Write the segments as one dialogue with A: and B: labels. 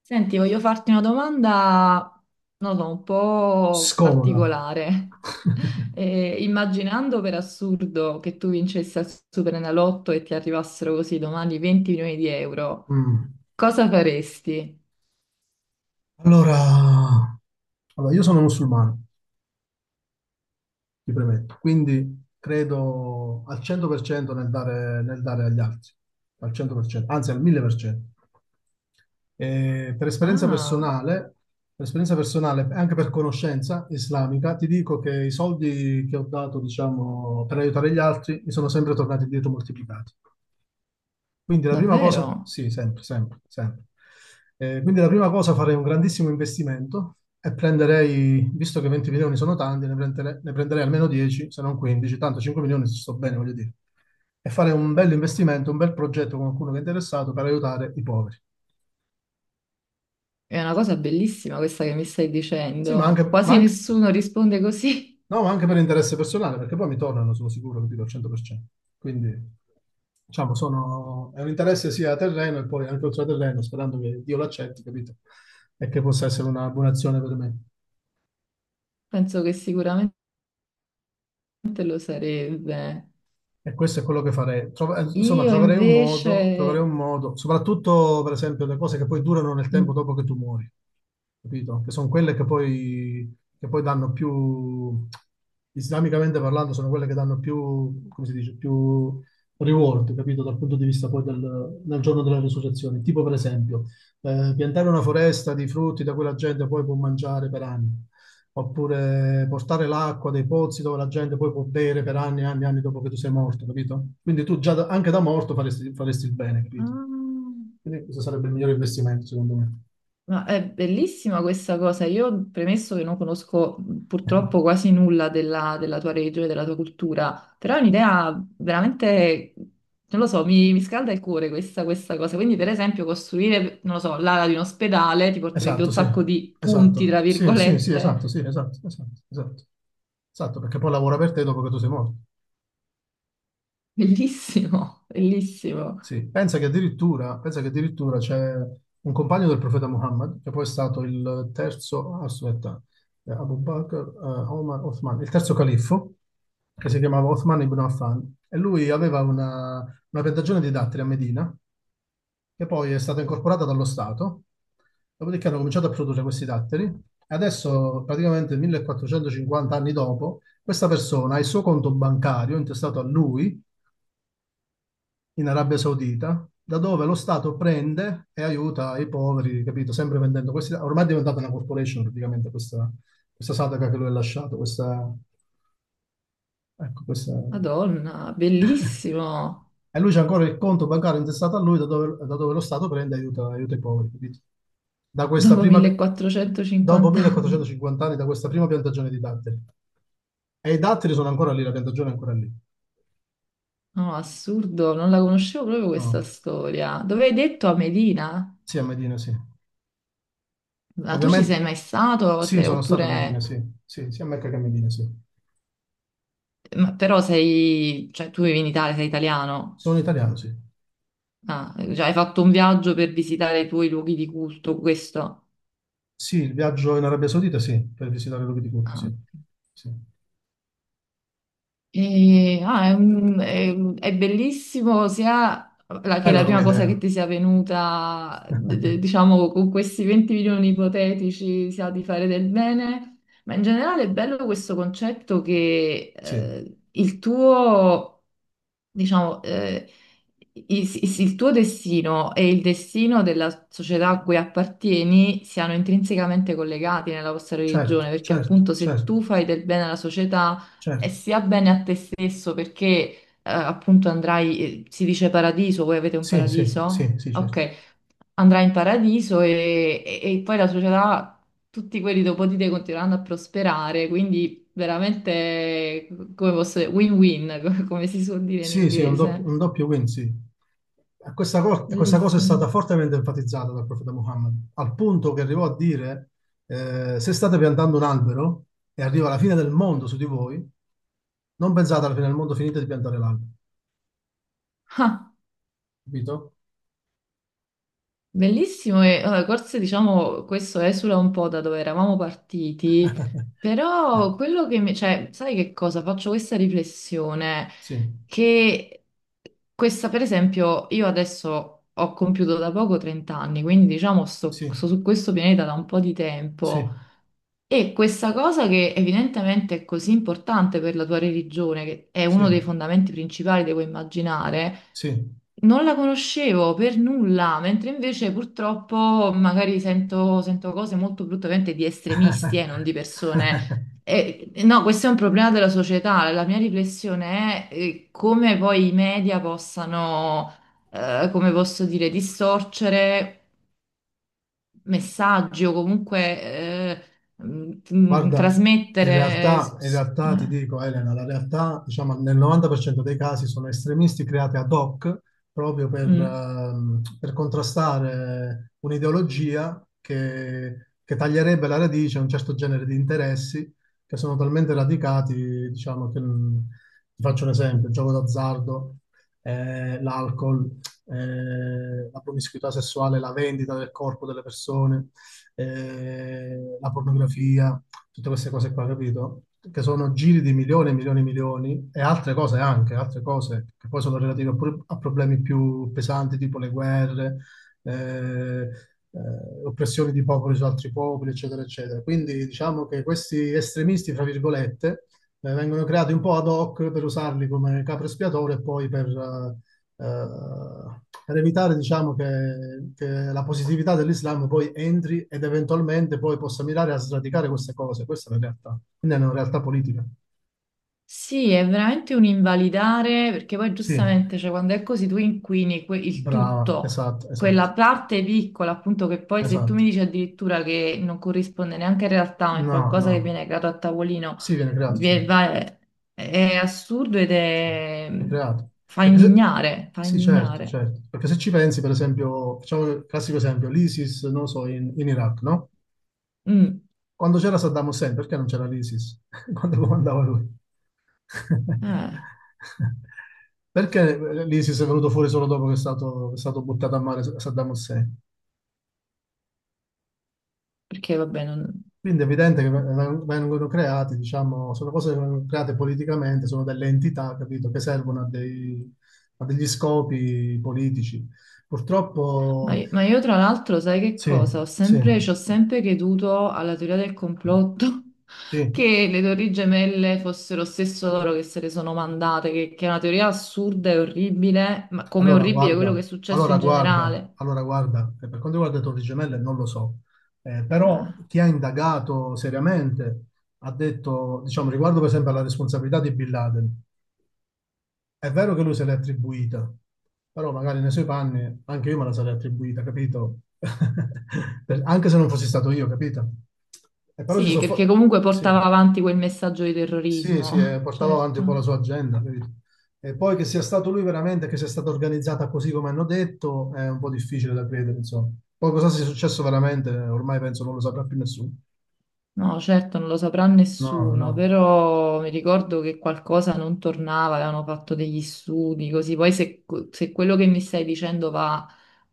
A: Senti, voglio farti una domanda, non lo so, un po'
B: Scomoda.
A: particolare. Immaginando per assurdo che tu vincessi al Superenalotto e ti arrivassero così domani 20 milioni di euro,
B: Mm.
A: cosa faresti?
B: Allora, allora, io sono musulmano, ti premetto, quindi credo al 100% nel dare agli altri, al 100%, anzi al 1000%. Per esperienza
A: Ah,
B: personale, per esperienza personale, anche per conoscenza islamica, ti dico che i soldi che ho dato, diciamo, per aiutare gli altri, mi sono sempre tornati indietro moltiplicati. Quindi la prima cosa,
A: davvero?
B: sì, sempre, sempre, sempre. Quindi la prima cosa farei un grandissimo investimento e prenderei, visto che 20 milioni sono tanti, ne prenderei, almeno 10, se non 15, tanto 5 milioni ci sto bene, voglio dire. E fare un bel investimento, un bel progetto con qualcuno che è interessato per aiutare i poveri.
A: È una cosa bellissima questa che mi stai
B: Sì, ma
A: dicendo.
B: anche, ma
A: Quasi
B: anche-
A: nessuno risponde così.
B: No, ma anche per interesse personale, perché poi mi tornano, sono sicuro, capito, al 100%. Quindi, diciamo, sono è un interesse sia a terreno e poi anche oltre a terreno, sperando che Dio l'accetti, capito? E che possa essere una buona azione per me.
A: Penso che sicuramente lo sarebbe.
B: E questo è quello che farei. Insomma,
A: Io
B: troverei
A: invece...
B: un modo, soprattutto per esempio le cose che poi durano nel tempo
A: Mm.
B: dopo che tu muori, capito? Che sono quelle che poi danno più, islamicamente parlando, sono quelle che danno più, come si dice, più reward, capito? Dal punto di vista poi del, del giorno della risurrezione. Tipo per esempio, piantare una foresta di frutti da cui la gente poi può mangiare per anni, oppure portare l'acqua dei pozzi dove la gente poi può bere per anni e anni e anni dopo che tu sei morto, capito? Anche da morto faresti, faresti il bene, capito?
A: Ah.
B: Quindi questo sarebbe il migliore investimento, secondo me.
A: Ma è bellissima questa cosa. Io, premesso che non conosco purtroppo quasi nulla della tua regione, della tua cultura, però è un'idea veramente, non lo so, mi scalda il cuore questa cosa. Quindi, per esempio, costruire, non lo so, l'ala di un ospedale ti porterebbe
B: Esatto,
A: un
B: sì,
A: sacco di punti,
B: esatto.
A: tra
B: Sì, sì, sì, esatto,
A: virgolette.
B: sì, esatto, esatto, esatto. Esatto, perché poi lavora per te dopo che tu sei morto.
A: Bellissimo, bellissimo.
B: Sì, pensa che addirittura c'è un compagno del profeta Muhammad, che poi è stato il terzo, aspetta, Abu Bakr, Omar, Othman, il terzo califfo, che si chiamava Othman ibn Affan, e lui aveva una piantagione di datteri a Medina, che poi è stata incorporata dallo Stato, dopodiché hanno cominciato a produrre questi datteri, e adesso, praticamente 1450 anni dopo, questa persona ha il suo conto bancario intestato a lui, in Arabia Saudita, da dove lo Stato prende e aiuta i poveri, capito? Sempre vendendo questi. Ormai è diventata una corporation praticamente questa, questa Sadaqa che lui ha lasciato, questa, ecco, questa
A: Madonna, bellissimo.
B: e lui c'è ancora il conto bancario intestato a lui, da dove lo Stato prende e aiuta, aiuta i poveri, capito? Da questa
A: Dopo
B: prima, Dopo
A: 1.450 anni.
B: 1450 anni, da questa prima piantagione di datteri. E i datteri sono ancora lì, la piantagione è ancora lì.
A: No, assurdo, non la conoscevo proprio questa
B: Ah,
A: storia. Dove hai detto, a Medina?
B: sì, a Medina, sì.
A: Ma tu ci sei
B: Ovviamente
A: mai stato?
B: sì, sono stato a Medina,
A: Oppure...
B: sì. Sì, sia a Mecca che a Medina, sì.
A: ma però sei... cioè tu vivi in Italia, sei italiano.
B: Sono italiano, sì.
A: Ah, cioè hai fatto un viaggio per visitare i tuoi luoghi di culto, questo?
B: Sì, il viaggio in Arabia Saudita, sì, per visitare l'Ubi di Curto,
A: Ah,
B: sì.
A: ok.
B: Sì.
A: È bellissimo sia
B: È
A: che
B: bella
A: la
B: come
A: prima cosa che
B: idea.
A: ti sia venuta, diciamo, con questi 20 milioni ipotetici sia di fare del bene, ma in generale è bello questo concetto che
B: Sì,
A: il tuo diciamo, il tuo destino e il destino della società a cui appartieni siano intrinsecamente collegati nella vostra religione,
B: certo,
A: perché
B: certo,
A: appunto se
B: certo,
A: tu fai del bene alla società, è
B: certo.
A: sia bene a te stesso, perché appunto andrai, si dice paradiso, voi avete un
B: Sì, sì,
A: paradiso?
B: sì, sì, certo.
A: Ok, andrai in paradiso e poi la società, tutti quelli dopo di te continueranno a prosperare, quindi veramente, come posso dire, win-win, come si suol dire in
B: Sì, sì,
A: inglese.
B: un doppio win, sì. Questa, questa cosa è
A: Bellissimo.
B: stata fortemente enfatizzata dal profeta Muhammad, al punto che arrivò a dire, se state piantando un albero e arriva la fine del mondo su di voi, non pensate alla fine del mondo, finite di piantare l'albero,
A: Ah,
B: capito?
A: bellissimo forse diciamo questo esula un po' da dove eravamo partiti, però quello che mi... cioè, sai che cosa? Faccio questa riflessione
B: Sì,
A: che questa, per esempio, io adesso ho compiuto da poco 30 anni, quindi diciamo
B: sì,
A: sto su questo pianeta da un po' di tempo.
B: sì,
A: E questa cosa che evidentemente è così importante per la tua religione, che è
B: sì,
A: uno dei fondamenti principali, devo immaginare,
B: sì.
A: non la conoscevo per nulla, mentre invece purtroppo magari sento cose molto brutte, ovviamente di estremisti e non di persone. No, questo è un problema della società. La mia riflessione è come poi i media possano, come posso dire, distorcere messaggi o comunque
B: Guarda, in
A: trasmettere.
B: realtà, in realtà ti dico, Elena, la realtà, diciamo, nel 90% dei casi sono estremisti creati ad hoc proprio
A: Mm.
B: per contrastare un'ideologia che taglierebbe la radice a un certo genere di interessi che sono talmente radicati, diciamo, ti faccio un esempio, il gioco d'azzardo, l'alcol, la promiscuità sessuale, la vendita del corpo delle persone, la pornografia, tutte queste cose qua, capito? Che sono giri di milioni e milioni e milioni e altre cose anche, altre cose che poi sono relative pure a problemi più pesanti, tipo le guerre, eh, eh, oppressioni di popoli su altri popoli, eccetera, eccetera. Quindi diciamo che questi estremisti, fra virgolette, vengono creati un po' ad hoc per usarli come capro espiatorio e poi per evitare, diciamo, che la positività dell'Islam poi entri ed eventualmente poi possa mirare a sradicare queste cose. Questa è la realtà. Quindi è una realtà politica.
A: Sì, è veramente un invalidare perché poi
B: Sì,
A: giustamente, cioè, quando è così tu inquini il
B: brava,
A: tutto,
B: esatto, esatto,
A: quella parte piccola, appunto, che poi se tu
B: esatto.
A: mi dici addirittura che non corrisponde neanche in realtà, ma è
B: No,
A: qualcosa che
B: no.
A: viene creato a tavolino,
B: Sì, viene creato, sì.
A: vi- va- è assurdo ed
B: Sì,
A: è...
B: viene creato.
A: fa
B: Perché se
A: indignare, fa
B: Sì, certo,
A: indignare.
B: certo. Perché se ci pensi, per esempio, facciamo il classico esempio, l'ISIS, non lo so, in, in Iraq, no?
A: Mm,
B: Quando c'era Saddam Hussein, perché non c'era l'ISIS? Quando comandava lui?
A: eh,
B: Perché l'ISIS è venuto fuori solo dopo che è stato buttato a mare Saddam Hussein?
A: perché vabbè, non...
B: Quindi è evidente che vengono creati, diciamo, sono cose che vengono create politicamente, sono delle entità, capito, che servono a, dei- a degli scopi politici.
A: Ma
B: Purtroppo,
A: io, ma io tra l'altro, sai che
B: sì,
A: cosa? Ho
B: sì,
A: sempre, ci ho sempre creduto alla teoria del complotto,
B: sì.
A: che le Torri Gemelle fossero stesso loro che se le sono mandate, che è una teoria assurda e orribile, ma come
B: Allora
A: orribile quello
B: guarda,
A: che è successo
B: allora
A: in
B: guarda,
A: generale.
B: allora guarda, per quanto riguarda le Torri Gemelle non lo so.
A: Eh,
B: Però chi ha indagato seriamente ha detto, diciamo, riguardo per esempio alla responsabilità di Bin Laden, è vero che lui se l'è attribuita, però magari nei suoi panni anche io me la sarei attribuita, capito? Anche se non fossi stato io, capito? E però si
A: sì, perché
B: sono
A: comunque
B: sì.
A: portava avanti quel messaggio di
B: Sì, sì,
A: terrorismo,
B: portava avanti un po' la
A: certo.
B: sua agenda, capito? E poi che sia stato lui veramente, che sia stata organizzata così come hanno detto, è un po' difficile da credere, insomma. Poi cosa sia successo veramente, ormai penso non lo saprà più nessuno.
A: No, certo, non lo saprà
B: No,
A: nessuno,
B: no,
A: però mi ricordo che qualcosa non tornava, avevano fatto degli studi così. Poi se, se quello che mi stai dicendo va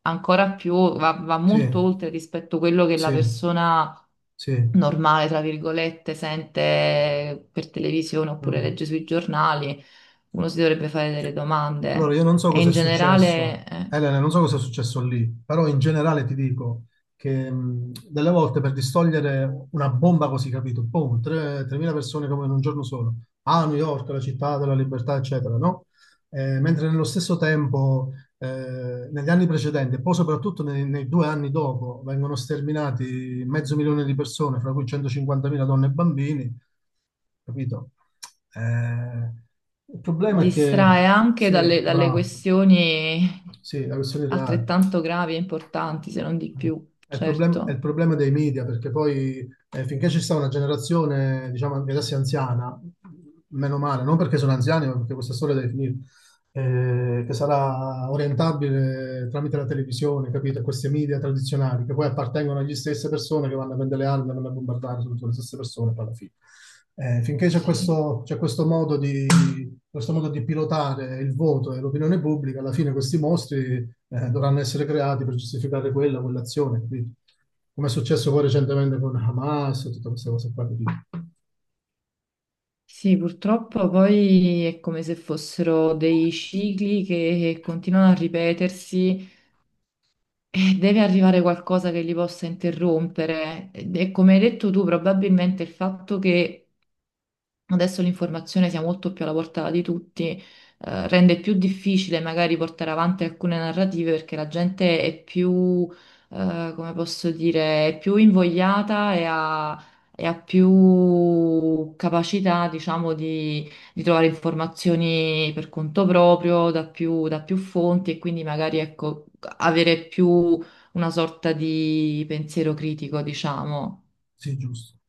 A: ancora più, va
B: sì,
A: molto oltre rispetto a quello che la
B: sì,
A: persona
B: sì.
A: normale, tra virgolette, sente per televisione oppure
B: Mm.
A: legge sui giornali, uno si dovrebbe fare delle
B: Allora,
A: domande.
B: io non so
A: E
B: cosa
A: in
B: è successo,
A: generale,
B: Elena, non so cosa è successo lì, però in generale ti dico che delle volte per distogliere una bomba così, capito? Boom, 3.000 persone come in un giorno solo, a New York, la città della libertà, eccetera, no? Mentre nello stesso tempo, negli anni precedenti, e poi soprattutto nei, nei due anni dopo, vengono sterminati mezzo milione di persone, fra cui 150.000 donne e bambini, capito? Eh, il problema è che,
A: distrae anche
B: sì,
A: dalle
B: bravo,
A: questioni
B: sì, la questione reale.
A: altrettanto gravi e importanti, se non di più,
B: È il
A: certo.
B: problema dei media, perché poi finché ci sta una generazione, diciamo, anche adesso anziana, meno male, non perché sono anziani, ma perché questa storia deve finire, che sarà orientabile tramite la televisione, capito? Questi media tradizionali che poi appartengono alle stesse persone che vanno a prendere le armi e vanno a bombardare sono tutte le stesse persone poi alla fine. Finché
A: Sì.
B: c'è questo modo di pilotare il voto e l'opinione pubblica, alla fine questi mostri dovranno essere creati per giustificare quella, quell'azione, capito? Come è successo poi recentemente con Hamas e tutte queste cose qua, capito?
A: Sì, purtroppo poi è come se fossero dei cicli che continuano a ripetersi e deve arrivare qualcosa che li possa interrompere. Ed è come hai detto tu, probabilmente il fatto che adesso l'informazione sia molto più alla portata di tutti, rende più difficile magari portare avanti alcune narrative perché la gente è più, come posso dire, è più invogliata e ha più capacità, diciamo, di trovare informazioni per conto proprio, da più fonti e quindi magari, ecco, avere più una sorta di pensiero critico, diciamo.
B: Sì, giusto.